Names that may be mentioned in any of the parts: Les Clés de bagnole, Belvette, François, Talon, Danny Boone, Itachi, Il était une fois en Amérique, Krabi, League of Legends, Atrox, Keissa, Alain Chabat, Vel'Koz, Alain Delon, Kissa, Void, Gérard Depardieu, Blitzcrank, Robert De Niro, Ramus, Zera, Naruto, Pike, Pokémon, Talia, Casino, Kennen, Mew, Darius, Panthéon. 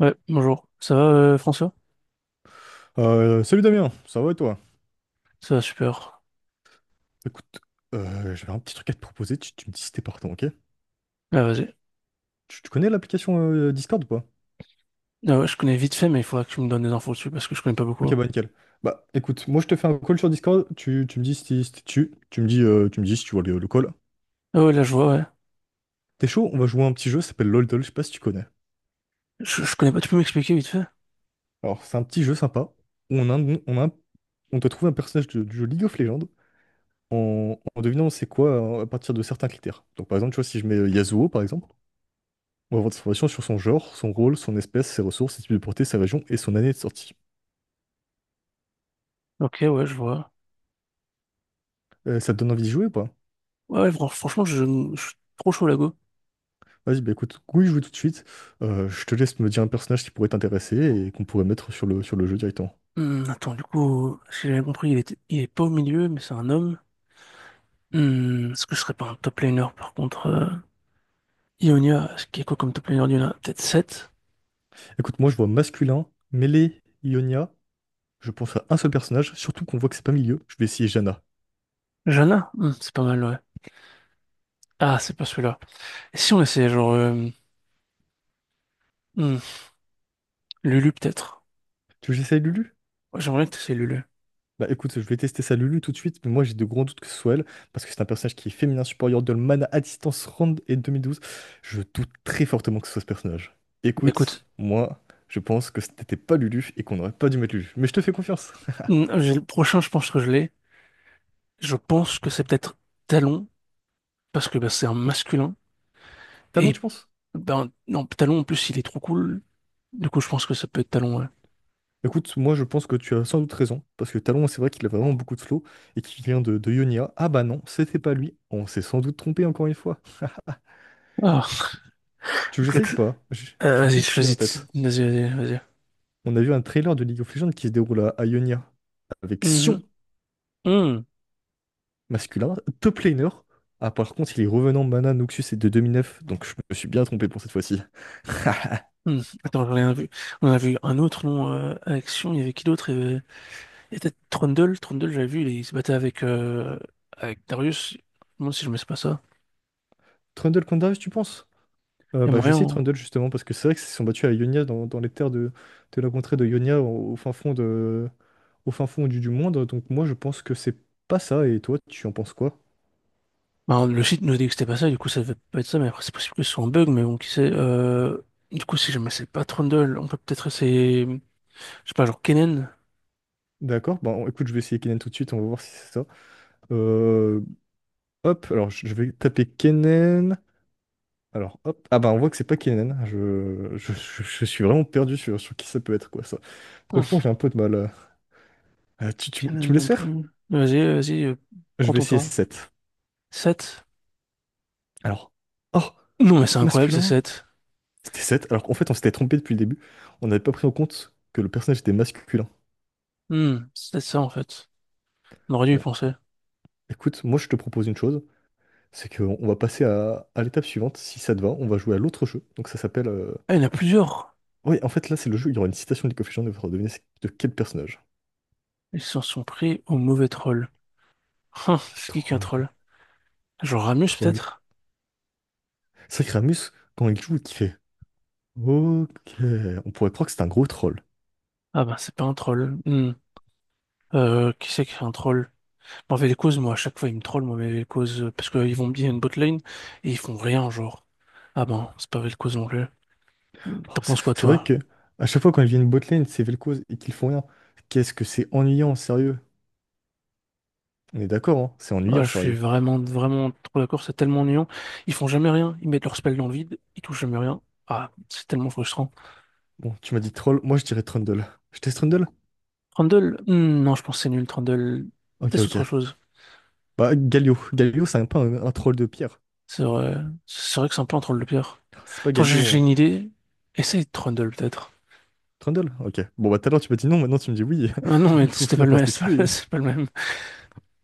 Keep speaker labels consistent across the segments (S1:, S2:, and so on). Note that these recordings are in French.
S1: Ouais, bonjour. Ça va, François?
S2: Salut Damien, ça va et toi?
S1: Ça va super.
S2: Écoute, j'avais un petit truc à te proposer, tu me dis si t'es partant, ok?
S1: Ah, vas-y.
S2: Tu connais l'application Discord ou pas?
S1: Ah ouais, je connais vite fait, mais il faudra que tu me donnes des infos dessus parce que je connais pas
S2: Ok,
S1: beaucoup.
S2: bah nickel. Bah écoute, moi je te fais un call sur Discord, tu me dis si si t'es tu, tu me dis si tu vois le call.
S1: Ah ouais, là, je vois, ouais.
S2: T'es chaud? On va jouer à un petit jeu, ça s'appelle LOLDOL, je sais pas si tu connais.
S1: Je connais pas, tu peux m'expliquer vite fait?
S2: Alors c'est un petit jeu sympa, où on a, un- on a un- on doit trouver un personnage du jeu League of Legends en devinant c'est quoi à partir de certains critères. Donc par exemple, tu vois, si je mets Yasuo par exemple, on va avoir des informations sur son genre, son rôle, son espèce, ses ressources, ses types de portée, sa région et son année de sortie.
S1: Ok, ouais, je vois.
S2: Ça te donne envie de jouer ou pas?
S1: Ouais, ouais, franchement, je suis trop chaud, là, go.
S2: Vas-y, bah écoute, oui, joue tout de suite. Je te laisse me dire un personnage qui pourrait t'intéresser et qu'on pourrait mettre sur le jeu directement.
S1: Hmm, attends, du coup, si j'ai bien compris, il est pas au milieu, mais c'est un homme. Hmm, est-ce que je serais pas un top laner, par contre? Ionia, est-ce qu'il y a quoi comme top laner d'Ionia? Peut-être 7?
S2: Écoute, moi je vois masculin, mêlé, Ionia. Je pense à un seul personnage, surtout qu'on voit que c'est pas milieu. Je vais essayer Jana.
S1: Jana? Hmm, c'est pas mal, ouais. Ah, c'est pas celui-là. Et si on essayait, genre, hmm, Lulu, peut-être?
S2: Tu veux que j'essaye Lulu?
S1: Ouais, j'aimerais bien tes Lulu.
S2: Bah écoute, je vais tester ça Lulu tout de suite, mais moi j'ai de grands doutes que ce soit elle, parce que c'est un personnage qui est féminin supérieur de Man à distance Rand et 2012. Je doute très fortement que ce soit ce personnage.
S1: Mais
S2: Écoute,
S1: écoute,
S2: moi, je pense que c'était pas Lulu et qu'on n'aurait pas dû mettre Lulu. Mais je te fais confiance.
S1: j'ai le prochain, je pense que je l'ai. Je pense que c'est peut-être Talon, parce que bah, c'est un masculin.
S2: Talon,
S1: Et
S2: tu penses?
S1: ben non, Talon en plus, il est trop cool. Du coup, je pense que ça peut être Talon, ouais.
S2: Écoute, moi je pense que tu as sans doute raison, parce que Talon, c'est vrai qu'il a vraiment beaucoup de flow et qu'il vient de Ionia. Ah bah non, c'était pas lui. On s'est sans doute trompé encore une fois.
S1: Ah,
S2: Tu veux que j'essaye ou
S1: écoute,
S2: pas? J'ai une
S1: vas-y,
S2: petite idée en
S1: choisis,
S2: tête.
S1: vas-y, vas-y, vas-y.
S2: On a vu un trailer de League of Legends qui se déroule à Ionia avec Sion.
S1: Mhm. Mhm.
S2: Masculin. Top laner. Ah, par contre, il est revenant mana, Noxus et de 2009, donc je me suis bien trompé pour cette fois-ci.
S1: Mhm. Attends, j'en ai un vu. On en a vu un autre nom action, il y avait qui d'autre? Il y a peut-être Trundle, j'avais vu, il se battait avec Darius. Je me demande si je mets pas ça.
S2: Trundle Candaris, tu penses?
S1: Il y a
S2: Bah, je
S1: moyen,
S2: sais
S1: hein.
S2: Trundle justement, parce que c'est vrai qu'ils se sont battus à Ionia dans les terres de la contrée de Ionia au fin fond au fin fond du monde. Donc, moi, je pense que c'est pas ça. Et toi, tu en penses quoi?
S1: Ben, le site nous dit que c'était pas ça, du coup ça devait pas être ça, mais après c'est possible que ce soit un bug, mais bon, qui sait. Du coup, si jamais c'est pas Trundle, on peut peut-être essayer, je sais pas, genre Kennen.
S2: D'accord, écoute, je vais essayer Kennen tout de suite, on va voir si c'est ça. Euh, Hop, alors je vais taper Kennen. Alors, hop. Ah bah on voit que c'est pas Kenan. Je suis vraiment perdu sur qui ça peut être, quoi, ça.
S1: Hum,
S2: Franchement, j'ai un peu de mal. Tu me
S1: Kennen
S2: laisses
S1: non plus.
S2: faire?
S1: Mais vas-y, vas-y,
S2: Je
S1: prends
S2: vais
S1: ton
S2: essayer
S1: temps.
S2: 7.
S1: Sept.
S2: Alors. Oh!
S1: Non, mais c'est incroyable, c'est
S2: Masculin?
S1: 7.
S2: C'était 7. Alors qu'en fait, on s'était trompé depuis le début. On n'avait pas pris en compte que le personnage était masculin.
S1: C'est peut-être ça en fait. On aurait dû y
S2: Bon,
S1: penser.
S2: écoute, moi je te propose une chose, c'est qu'on on va passer à l'étape suivante. Si ça te va, on va jouer à l'autre jeu. Donc ça s'appelle.
S1: Ah, il y en a plusieurs.
S2: Oui, en fait, là, c'est le jeu, où il y aura une citation de League of Legends, et il faudra deviner c'est de quel personnage.
S1: Ils s'en sont pris au mauvais troll. C'est qui est un
S2: Troll,
S1: troll? Genre Ramus
S2: troll.
S1: peut-être?
S2: C'est vrai que Ramus, quand il joue, il fait ok. On pourrait croire que c'est un gros troll.
S1: Ah ben, c'est pas un troll. Hum. Qui c'est qui est un troll? Mauvais causes, moi, à chaque fois, ils me trollent, moi mauvais causes, parce qu'ils vont me dire une botlane et ils font rien, genre. Ah ben, c'est pas mauvais cause non plus.
S2: Oh,
S1: T'en
S2: C'est
S1: penses quoi,
S2: c'est vrai
S1: toi?
S2: que à chaque fois quand il vient une botlane, c'est Vel'Koz et qu'ils font rien. Qu'est-ce que c'est ennuyant, sérieux. On est d'accord, hein, c'est
S1: Ah,
S2: ennuyant,
S1: je suis
S2: sérieux.
S1: vraiment, vraiment trop d'accord, c'est tellement ennuyant. Ils font jamais rien, ils mettent leur spell dans le vide, ils touchent jamais rien. Ah, c'est tellement frustrant.
S2: Bon, tu m'as dit troll, moi je dirais Trundle. Je teste Trundle?
S1: Trundle, non, je pense que c'est nul, Trundle.
S2: Ok,
S1: Teste autre
S2: ok.
S1: chose.
S2: Bah, Galio. Galio, c'est un peu un troll de pierre.
S1: C'est vrai, c'est vrai que c'est un peu un troll de pierre.
S2: Ah, c'est pas
S1: Attends, j'ai
S2: Galio,
S1: j'ai
S2: hein.
S1: une idée. Essaye Trundle, peut-être.
S2: Trundle? Ok. Bon, bah tout à l'heure tu m'as dit non, maintenant tu me dis oui.
S1: Ah non, mais
S2: Il faut
S1: c'était pas
S2: finir
S1: le
S2: par se
S1: même,
S2: décider.
S1: c'est pas le même.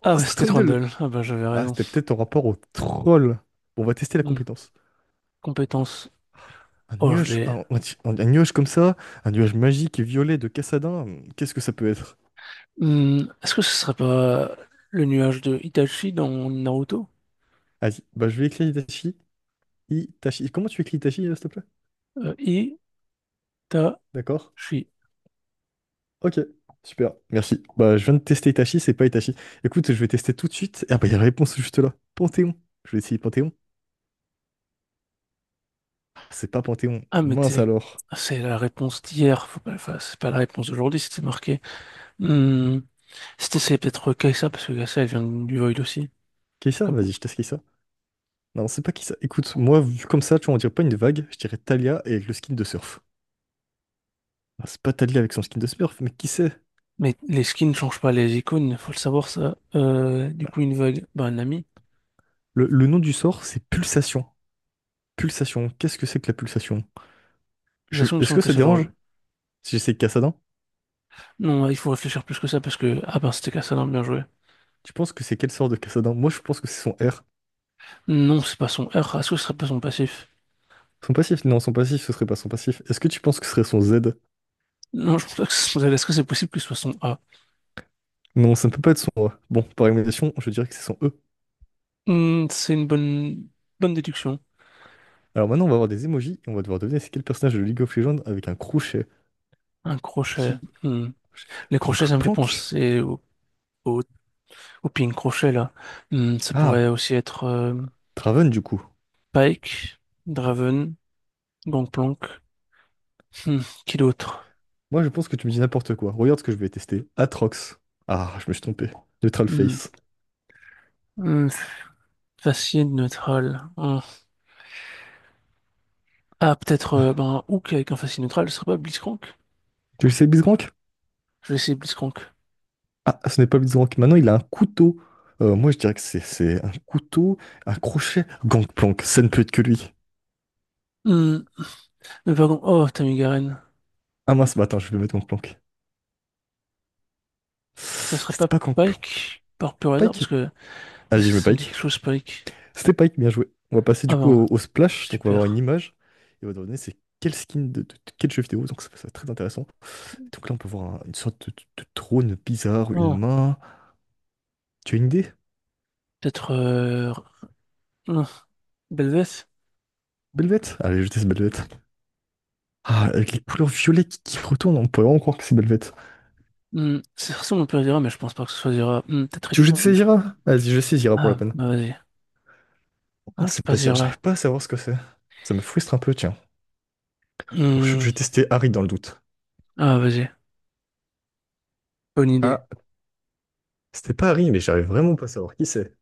S2: Oh,
S1: Ah bah
S2: c'est
S1: c'était
S2: Trundle!
S1: Trundle. Ah bah j'avais
S2: Ah,
S1: raison.
S2: c'était peut-être en rapport au troll. Bon, on va tester la
S1: Hmm.
S2: compétence.
S1: Compétence.
S2: Un
S1: Oh, je
S2: nuage,
S1: l'ai.
S2: un, un- un nuage comme ça, un nuage magique et violet de Cassadin, qu'est-ce que ça peut être?
S1: Hmm, est-ce que ce serait pas le nuage de Itachi dans Naruto?
S2: Vas-y, bah je vais écrire Itachi. Itachi. Comment tu écris Itachi, s'il te plaît?
S1: Itachi.
S2: D'accord. Ok, super, merci. Bah je viens de tester Itachi, c'est pas Itachi. Écoute, je vais tester tout de suite. Ah bah il y a la réponse juste là. Panthéon. Je vais essayer Panthéon. Ah, c'est pas Panthéon.
S1: Ah, mais
S2: Mince alors.
S1: c'est la réponse d'hier. Faut pas, enfin, c'est pas la réponse d'aujourd'hui, c'était marqué. Hmm, c'est peut-être Kai'Sa, parce que Kai'Sa, elle vient du Void aussi.
S2: Kissa?
S1: Comme-
S2: Vas-y, je teste Kissa. Non, c'est pas Kissa. Écoute, moi, vu comme ça, tu vois, on dirait pas une vague, je dirais Talia et le skin de surf. Ah, c'est pas Talia avec son skin de surf, mais qui sait.
S1: Mais les skins ne changent pas les icônes, faut le savoir ça. Du coup, une vague, bah, un ami.
S2: Le nom du sort, c'est pulsation. Pulsation. Qu'est-ce que c'est que la pulsation?
S1: Les actions il me
S2: Est-ce
S1: semble
S2: que
S1: que
S2: ça te
S1: c'est le
S2: dérange
S1: rôle.
S2: si j'essaie Cassadin?
S1: Non, il faut réfléchir plus que ça, parce que. Ah, ben, c'était Kai'Sa, bien joué.
S2: Tu penses que c'est quel sort de Cassadin? Moi, je pense que c'est son R.
S1: Non, c'est pas son R. Est-ce que ce serait pas son passif?
S2: Son passif? Non, son passif, ce serait pas son passif. Est-ce que tu penses que ce serait son Z?
S1: Non, je pense que ce serait- est-ce que c'est possible que ce soit son A?
S2: Non, ça ne peut pas être son A. Bon, par élimination, je dirais que c'est son E.
S1: Hmm, c'est une bonne, bonne déduction.
S2: Alors maintenant, on va avoir des emojis et on va devoir deviner c'est quel personnage de League of Legends avec un crochet.
S1: Un crochet.
S2: Qui?
S1: Hmm. Les crochets, ça me fait
S2: Gangplank?
S1: penser au, au ping crochet, là. Hmm, ça pourrait
S2: Ah,
S1: aussi être
S2: Draven, du coup.
S1: Pike, Draven, Gangplank. Hmm, qui d'autre?
S2: Moi, je pense que tu me dis n'importe quoi. Regarde ce que je vais tester. Atrox. Ah, je me suis trompé. Neutral
S1: Hmm,
S2: Face.
S1: hmm, Facile, neutral. Hmm. Ah, peut-être ben, Hook avec un facile neutral, ce serait pas Blitzcrank?
S2: Tu le sais, Bisgrank?
S1: Je vais essayer Blitzcrank.
S2: Ah, ce n'est pas Blitzcrank. Maintenant, il a un couteau. Moi, je dirais que c'est un couteau, un crochet. Gangplank, ça ne peut être que lui.
S1: Hmm, Mais par contre, oh, Tamigaren.
S2: Ah mince, bah attends, je vais mettre Gangplank.
S1: Ça serait
S2: C'était
S1: pas
S2: pas Gangplank.
S1: Pike par pur hasard,
S2: Pike.
S1: parce que. Est-ce
S2: Allez,
S1: que
S2: je mets
S1: ça me dit quelque
S2: Pike.
S1: chose, Spike.
S2: C'était Pike, bien joué. On va passer du
S1: Ah
S2: coup
S1: ben,
S2: au splash. Donc, on va avoir une
S1: super.
S2: image. Et on va donner c'est quel skin de quel jeu vidéo. Donc, ça va être très intéressant. Donc là, on peut voir une sorte de trône bizarre, une
S1: Oh,
S2: main. Tu as une idée?
S1: peut-être, hmm, Belveth?
S2: Belvette? Allez, je teste Belvette. Ah, avec les couleurs violettes qui retournent, on peut vraiment croire que c'est Belvette.
S1: Hmm, c'est ressemble un peu à Zera, mais je pense pas que ce soit Zera. Hmm, peut-être
S2: Tu veux que je
S1: Elysium.
S2: te saisira? Vas-y, je saisira pour
S1: Ah,
S2: l'open.
S1: bah vas-y. Ah,
S2: Non,
S1: c'est
S2: c'est
S1: pas
S2: pas dire, j'arrive
S1: Zera.
S2: pas à savoir ce que c'est. Ça me frustre un peu, tiens. Oh, je
S1: Hmm,
S2: vais tester Harry dans le doute.
S1: Ah, vas-y. Bonne
S2: Ah,
S1: idée.
S2: c'était pas Harry, mais j'arrive vraiment pas à savoir qui c'est.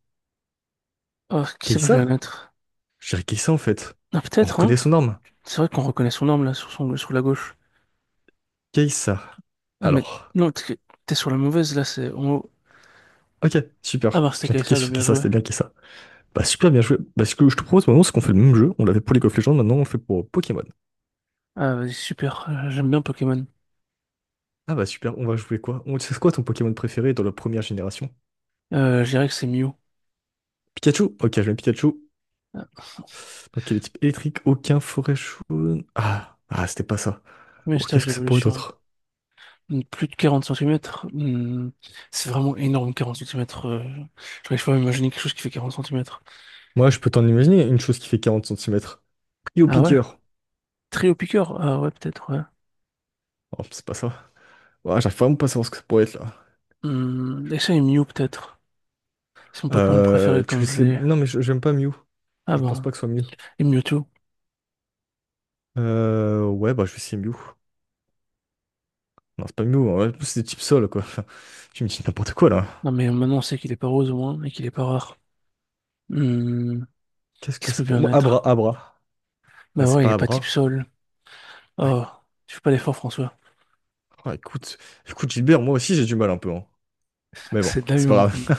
S1: Oh, qui ça peut bien
S2: Keissa?
S1: être?
S2: Je dirais Keissa en fait.
S1: Ah,
S2: On
S1: peut-être, hein?
S2: reconnaît son arme.
S1: C'est vrai qu'on reconnaît son arme, là, sur la gauche.
S2: Keissa.
S1: Ah, mais.
S2: Alors.
S1: Non, t'es sur la mauvaise, là, c'est en haut.
S2: Ok,
S1: Ah,
S2: super.
S1: bah, c'était
S2: J'ai cliqué
S1: KSA, bah,
S2: sur
S1: bien
S2: Keissa,
S1: joué.
S2: c'était bien Keissa. Bah super, bien joué. Bah ce que je te propose maintenant, c'est qu'on fait le même jeu. On l'avait pour League of Legends, maintenant on le fait pour Pokémon.
S1: Ah, vas-y, super. J'aime bien Pokémon.
S2: Ah bah super, on va jouer quoi? On... C'est quoi ton Pokémon préféré dans la première génération?
S1: Je dirais que c'est Mew.
S2: Pikachu? Ok, je mets Pikachu.
S1: Ah,
S2: Ok, les types électriques, aucun, forêt chaude. Ah, ah, c'était pas ça.
S1: premier
S2: Oh,
S1: stage
S2: qu'est-ce que ça pourrait être
S1: d'évolution.
S2: d'autre?
S1: Plus de 40 centimètres, c'est vraiment énorme. 40 centimètres. J'arrive pas à imaginer quelque chose qui fait 40 centimètres.
S2: Moi, je peux t'en imaginer une chose qui fait 40 centimètres. Pris au
S1: Ah ouais?
S2: piqueur.
S1: Très au piqueur? Ah ouais, peut-être, ouais.
S2: Oh, c'est pas ça. Ouais, j'arrive vraiment pas à savoir ce que ça pourrait être là.
S1: Hmm, et ça, est Mew, peut-être. C'est mon Pokémon préféré,
S2: Tu le
S1: comme je
S2: sais.
S1: l'ai.
S2: Non, mais j'aime pas Mew.
S1: Ah
S2: Je pense
S1: bon,
S2: pas que ce soit Mew.
S1: et Mewtwo.
S2: Ouais, bah, je vais essayer Mew. Non, c'est pas Mew, hein. C'est des types sol, quoi. Enfin, tu me dis n'importe quoi là.
S1: Non, mais maintenant, on sait qu'il est pas rose, au moins, et qu'il est pas rare. Hmm,
S2: Qu'est-ce que
S1: qu'est-ce que peut
S2: ça pourrait.
S1: bien
S2: Moi, Abra,
S1: être?
S2: Abra. Mais
S1: Bah
S2: c'est
S1: ouais, il est
S2: pas
S1: pas type
S2: Abra.
S1: sol.
S2: Bah,
S1: Oh, je fais pas l'effort, François.
S2: ah, écoute, écoute, Gilbert, moi aussi j'ai du mal un peu, hein. Mais bon,
S1: C'est de la vie,
S2: c'est pas
S1: mon prénom.
S2: grave.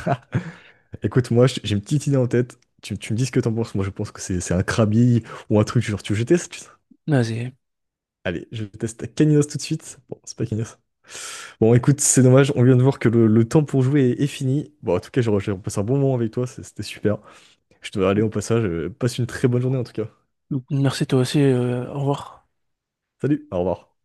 S2: Écoute, moi, j'ai une petite idée en tête. Tu me dis ce que t'en penses. Moi, je pense que c'est un Krabi ou un truc genre. Tu veux que je teste? Tu
S1: Vas-y.
S2: Allez, je teste Caninos tout de suite. Bon, c'est pas Caninos. Bon, écoute, c'est dommage. On vient de voir que le temps pour jouer est fini. Bon, en tout cas, j'ai passé un bon moment avec toi. C'était super. Je dois aller au passage. Passe une très bonne journée, en tout cas.
S1: Merci, toi aussi. Au revoir.
S2: Salut, au revoir.